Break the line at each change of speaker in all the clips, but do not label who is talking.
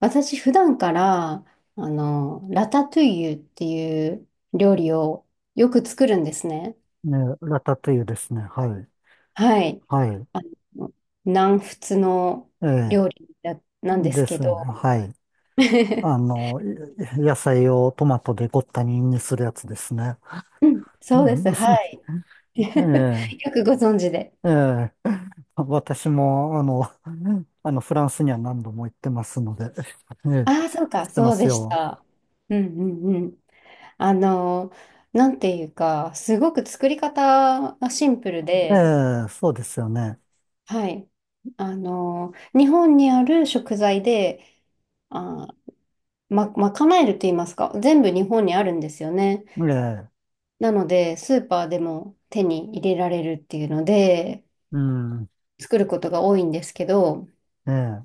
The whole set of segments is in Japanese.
私普段から、ラタトゥイユっていう料理をよく作るんですね。
ね、ラタトゥイユですね。はい。
はい。
はい。
あの、南仏の
ええ、
料理だなんです
で
け
すね。
ど。
はい。あ の、い野菜をトマトでごった煮にするやつですね。
うん
う
そうです。
ん、
はい。
え
よくご存知で。
え、ええ。私も、フランスには何度も行ってますので、ええ、
ああ、そう
知
か。
ってま
そう
す
でし
よ。
た。うんうんうん。あの、なんていうか、すごく作り方がシンプル
え
で、
え、そうですよね。
はい。日本にある食材で、あー、ま、賄えると言いますか、全部日本にあるんですよね。
ええ、
なので、スーパーでも手に入れられるっていうので、
うん、
作ることが多いんですけど、
ええ、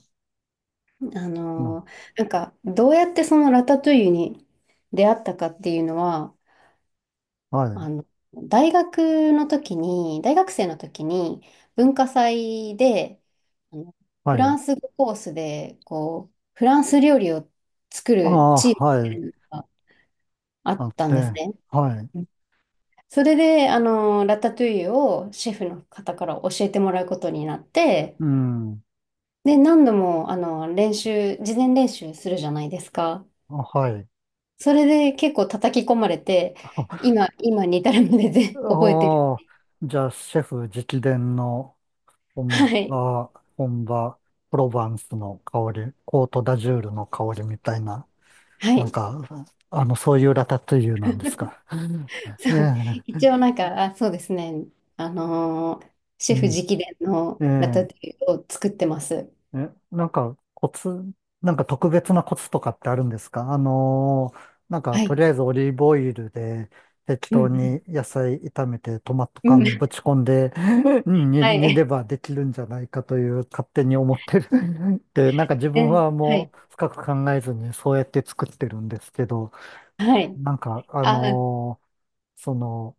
あ
の
のーなんか、どうやってそのラタトゥイユに出会ったかっていうのは、
はい、
あの、大学生の時に、文化祭で、あのフ
は
ラ
い。
ンス語コースで、こう、フランス料理を作
あ
る
あ、
チ
は
ー
い。
ムがあ
あ
っ
っ
たんです
て、
ね。
はい。
それで、ラタトゥイユをシェフの方から教えてもらうことになって、
うん、
で、何度も、事前練習するじゃないですか。
はい。
それで結構叩き込まれて、今に至るまでで 覚えてる。
ああ、じゃあ、シェフ直伝の
は
本
い。
場、本場、プロヴァンスの香り、コートダジュールの香りみたいな、
は
なん
い。
か、そういうラタトゥイユなんですか。うん、え
そう。
え、
一応なんか、あ、そうですね。あのーシ
う
ェフ
ん、
直伝の
え
ラタ
え。
トゥイユを作ってます。
え、なんかコツ、なんか特別なコツとかってあるんですか？なんか
は
とり
い。
あえずオリーブオイルで適
う
当に
ん。
野菜炒めてトマト
うん。う
缶ぶ
ん
ち込んで、 うん、
は
煮れ
い。
ばできるんじゃないかと、いう勝手に思ってる。 で、なんか自分
え、
は
はい。
もう深く考えずにそうやって作ってるんですけど、
はい。
なんか
あ、
その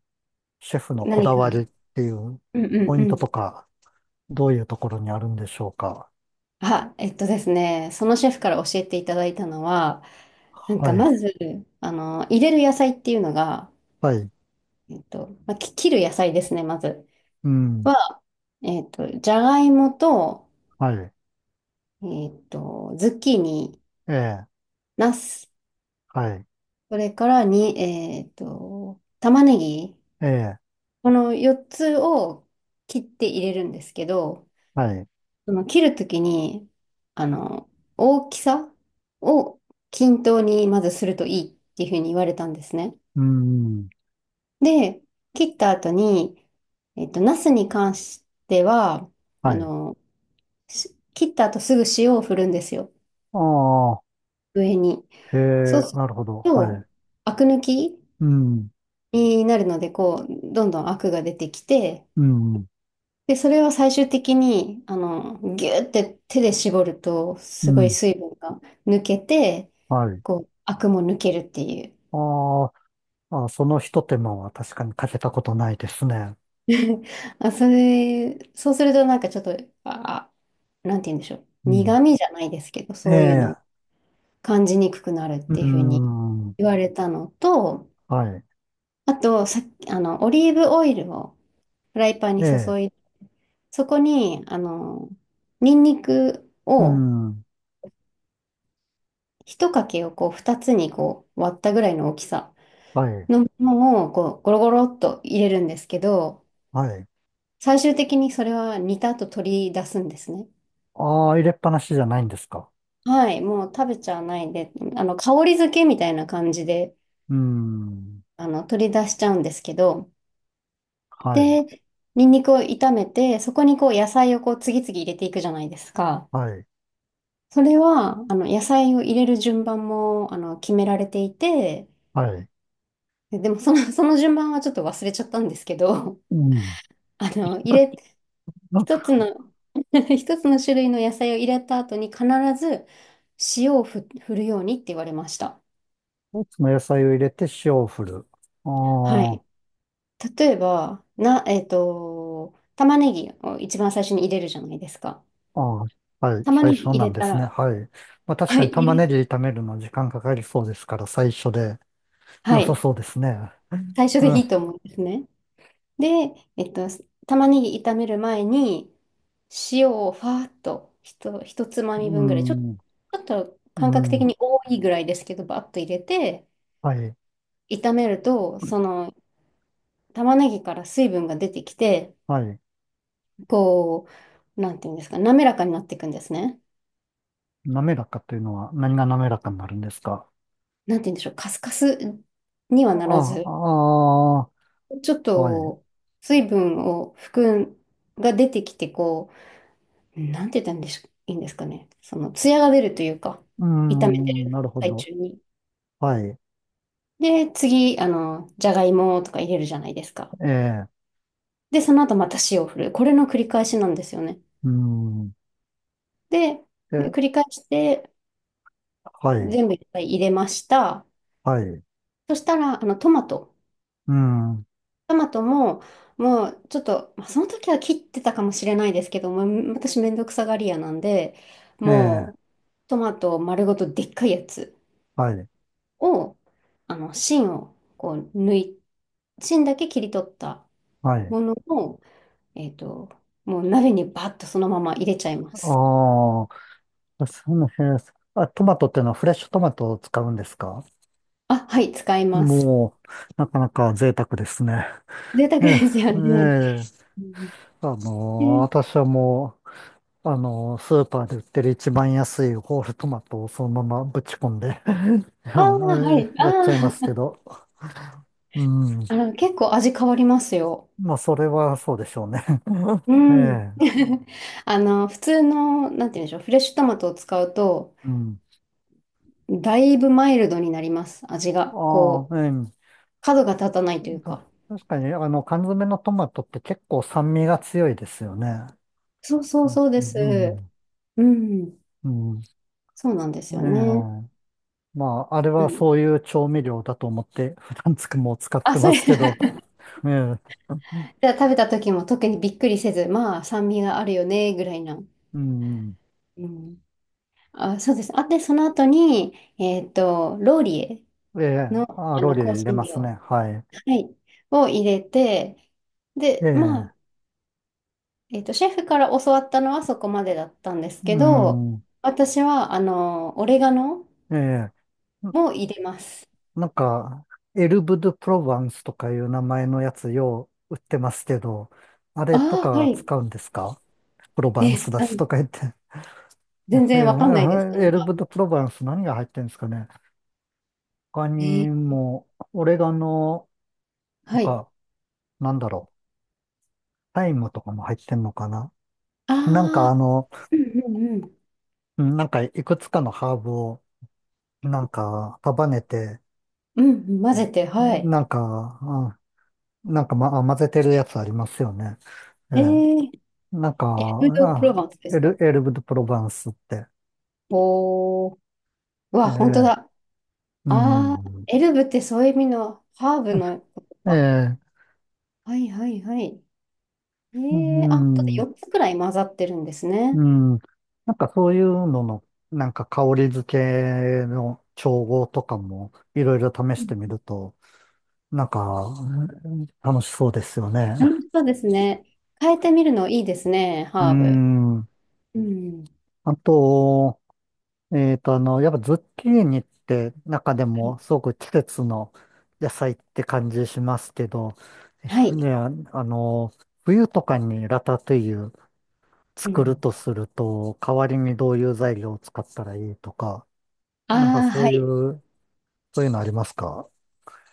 シェフのこ
何
だわ
か。
りっていう
うんうん
ポイ
う
ント
ん。
とか、どういうところにあるんでしょうか？
あ、えっとですね、そのシェフから教えていただいたのは、なんか
はい。
まず、入れる野菜っていうのが、
はい。
まあ、切る野菜ですね、まず
うん。
は、じゃがいもと、
はい。
ズッキーニ、
ええ、
ナス、
はい。
それからに、えっと、玉ねぎ、
ええ、
この4つを切って入れるんですけど、
はい。う
その切るときに、あの、大きさを均等にまずするといいっていうふうに言われたんですね。
ん、
で、切った後に、ナスに関しては、
は
あ
い。
の、切った後すぐ塩を振るんですよ。
ああ、
上に。
へ
そう
え、
する
なるほど。はい。
と、アク抜き
うん、
になるので、こう、どんどんアクが出てきて、
うん、
で、それを最終的に、ギューって手で絞ると、
う
すごい
ん、
水分が抜けて、
はい。
こう、アクも抜けるっていう。
ああ、あ、その一手間は確かにかけたことないですね。
あ、それ、そうするとなんかちょっと、あ、なんて言うんでしょう。
うん。
苦味じゃないですけど、
え
そういうの
え、
を感じにくくなるっ
う
ていうふうに
ん、
言われたのと、
はい。
あと、さっき、オリーブオイルをフライパン
え
に注
え、
いで、そこに、ニンニク
う
を
ん、
一かけをこう二つにこう割ったぐらいの大きさ
はい、
のものをこうゴロゴロっと入れるんですけど、
はい。
最終的にそれは煮た後取り出すんですね。
ああ、入れっぱなしじゃないんですか？
はい、もう食べちゃわないで、あの香り付けみたいな感じで
うん、
取り出しちゃうんですけど、
はい、
で、ニンニクを炒めて、そこにこう野菜をこう次々入れていくじゃないですか。
はい、
それはあの野菜を入れる順番もあの決められていて、
はい。
でもその順番はちょっと忘れちゃったんですけど、
うん。
あの、入れ、
あ、
一つの 一つの種類の野菜を入れた後に必ず塩をふ、振るようにって言われました。
その野菜を入れて塩を振る。あ
はい。
あ。
例えば、な、えっと、玉ねぎを一番最初に入れるじゃないですか。
ああ、はい、
玉
最
ねぎ
初
入
なん
れ
で
た
すね。
ら、
はい。まあ 確
は
かに
い、
玉
入
ね
れ、
ぎ炒めるの時間かかりそうですから、最初で
は
良さ
い、
そうですね。
最初
う
でい
ん、
いと思うんですね。で、玉ねぎ炒める前に、塩をファーっと、一つまみ
う
分ぐらい、ち
ん、
ょっと感覚
う
的
ん、
に多いぐらいですけど、バッと入れて、
はい、
炒めると、その玉ねぎから水分が出てきて、
はい。
こう、なんていうんですか、滑らかになっていくんですね。
滑らかというのは何が滑らかになるんですか？
なんていうんでしょう、カスカスには
あ
なら
あ、
ず、
あ
ちょっ
あ、はい。
と水分を含んが出てきて、こう、なんて言ったらいいんでしょいいんですかね。その、ツヤが出るというか、
う
炒めて
ん、
る
なるほ
最
ど。
中に。
はい。
で、次、じゃがいもとか入れるじゃないですか。
ええ、
で、その後また塩を振る。これの繰り返しなんですよね。
うん、
で、で繰
え、
り返して、
はい、
全部いっぱい入れました。
はい。
そしたら、あの、トマト。
うん、
トマトも、もう、ちょっと、まあ、その時は切ってたかもしれないですけども、私めんどくさがり屋なんで、
ええ、
もう、トマト丸ごとでっかいやつ
はい、
を、あの、芯を、こう、抜い、芯だけ切り取った
はい。
ものを、えっと、もう鍋にバッとそのまま入れちゃいま
あ
す。
あ、あ、そうなんですね。あ、トマトってのはフレッシュトマトを使うんですか？
あ、はい、使います。
もう、なかなか贅沢ですね。
贅沢
ええ、
ですよ
え
ね。
え、
うんで
私はもう、スーパーで売ってる一番安いホールトマトをそのままぶち込んで、
ああ、はい、
やっち
あ
ゃいます
あ。
けど。うん。
結構味変わりますよ。
まあ、それはそうでしょうね。
う
え
ん。
え、
普通の、なんて言うんでしょう、フレッシュトマトを使うと、
うん。
だいぶマイルドになります、味が。
あ
こ
あ、
う、
え
角が立たない
え。
というか。
確かに、缶詰のトマトって結構酸味が強いですよね。
そうそう
うん。
そうです。
うん、
うん、
うん。
そうなんで
え
すよね。
え。まあ、あれ
う
は
ん
そういう調味料だと思って、普段つくも使っ
あ、
て
そ
ま
れ じ
すけど、ええ。
ゃあ食べた時も特にびっくりせず、まあ、酸味があるよね、ぐらいな。
うん。
うん、あ、そうです。あ、で、その後に、ローリエ
ええ。
の、
あ、ローリエ
香
入れ
辛
ます
料。
ね。はい。
はい。を入れて、
え
で、まあ、
え。
シェフから教わったのはそこまでだったんですけ
う
ど、
ん。
私は、オレガノ
ええ。な
も入れます。
なんか、エルブ・ドゥ・プロヴァンスとかいう名前のやつよう売ってますけど、あれと
ああ、は
か
い。
使うんですか？プロヴァン
え、う
スだし
ん、
とか言って。
全
え
然わかんないです、そ
え、
の
エル
ハー
ブ・ドゥ・
ブ。
プロヴァンス、何が入ってるんですかね。他
え
に
ー
も、オレガノと
はい。
か、なんだろう、タイムとかも入ってんのかな。なん
あ
か
あ、うんうんうん。
うん、なんかいくつかのハーブを、なんか束ねて、
うんうん、混ぜて、はい。
なんか、うん、なんか、ま、あ、混ぜてるやつありますよね。え
え
え。
ー、
なんか、
エルブ・ド・プロヴ
あ、
ァンスですか
エルブ・ド・プロヴァンスって。
おー、う
え
わ、本当
え。
だ。
う
ああ、
ん。
エルブってそういう意味のハーブのこと
え
か。
え。
はいはいはい。え
う
えあ、本当で
ん。
4つくらい混ざってるんです
う
ね。
ん。なんかそういうのの、なんか香り付けの調合とかもいろいろ試
う
し
ん
てみると、なんか、うん、楽しそうですよね。
楽しそうですね。変えてみるのいいですね、
うー
ハーブ。
ん。
うん。
あと、やっぱズッキーニって中で
は
も
い
すごく季節の野菜って感じしますけど、
はい。
ね、あの、冬とかにラタトゥイユ
う
作る
ん。
とすると、代わりにどういう材料を使ったらいいとか、なんか
ああ、
そ
は
うい
い。
う、そういうのありますか？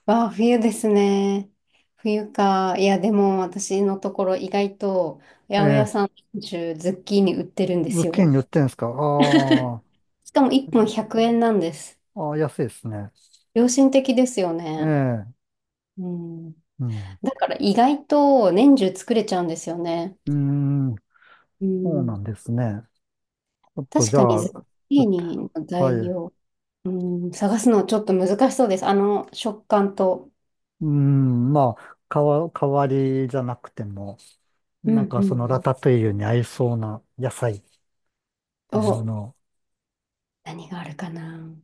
わあ、冬ですね。冬か。いや、でも私のところ意外と八百屋
ええ、
さん中ズッキーニ売ってるんで
ズ
す
ッキー
よ。
ニ売ってんですか？あー、
しかも1本100円なんです。
あー、安いですね。
良心的ですよね。
ええ、
うん。
うん。
だから意外と年中作れちゃうんですよね。
うーん、
う
そうな
ん。
んですね。ちょっと
確
じゃ
かに
あ、ち
ズッ
ょ
キー
っと
ニの
はい。
材
う
料、うん、探すのちょっと難しそうです。あの食感と。
ーん、まあ、代わりじゃなくても、
う
なん
ん
か
うん
そ
う
のラ
ん。
タトゥイユに合いそうな野菜っていう
お、
のを、
何があるかな。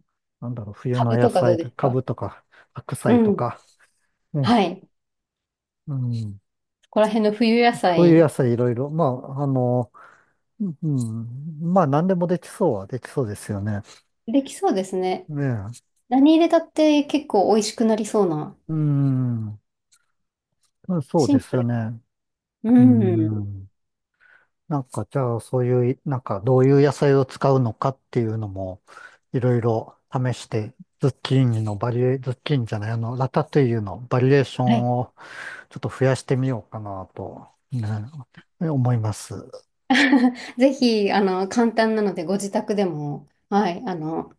なんだろう、冬
カ
の
ブ
野
とかど
菜、
うです
カ
か
ブとか、白
う
菜と
ん。
か、ね、
はい。
うん、
そこら辺の冬野
冬野
菜、
菜いろいろ、まあ、うん、まあ、何でもできそうはできそうですよね。
できそうですね。
ねえ、
何入れたって結構美味しくなりそうな。
うん、そう
シ
で
ン
す
プ
よ
ル。
ね。う
うん。
ん、なんか、じゃあ、そういう、なんか、どういう野菜を使うのかっていうのも、いろいろ試して、ズッキーニのバリエ、ズッキーニじゃない、あの、ラタトゥイユのバリエーショ
はい。
ンをちょっと増やしてみようかなと、ね、思います。
ぜひ、簡単なので、ご自宅でも、はい、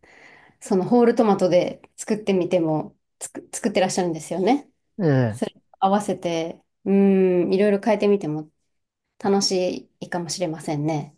そのホールトマトで作ってみても、作ってらっしゃるんですよね。
え
そ
え
れ合わせて、うん、いろいろ変えてみても楽しいかもしれませんね。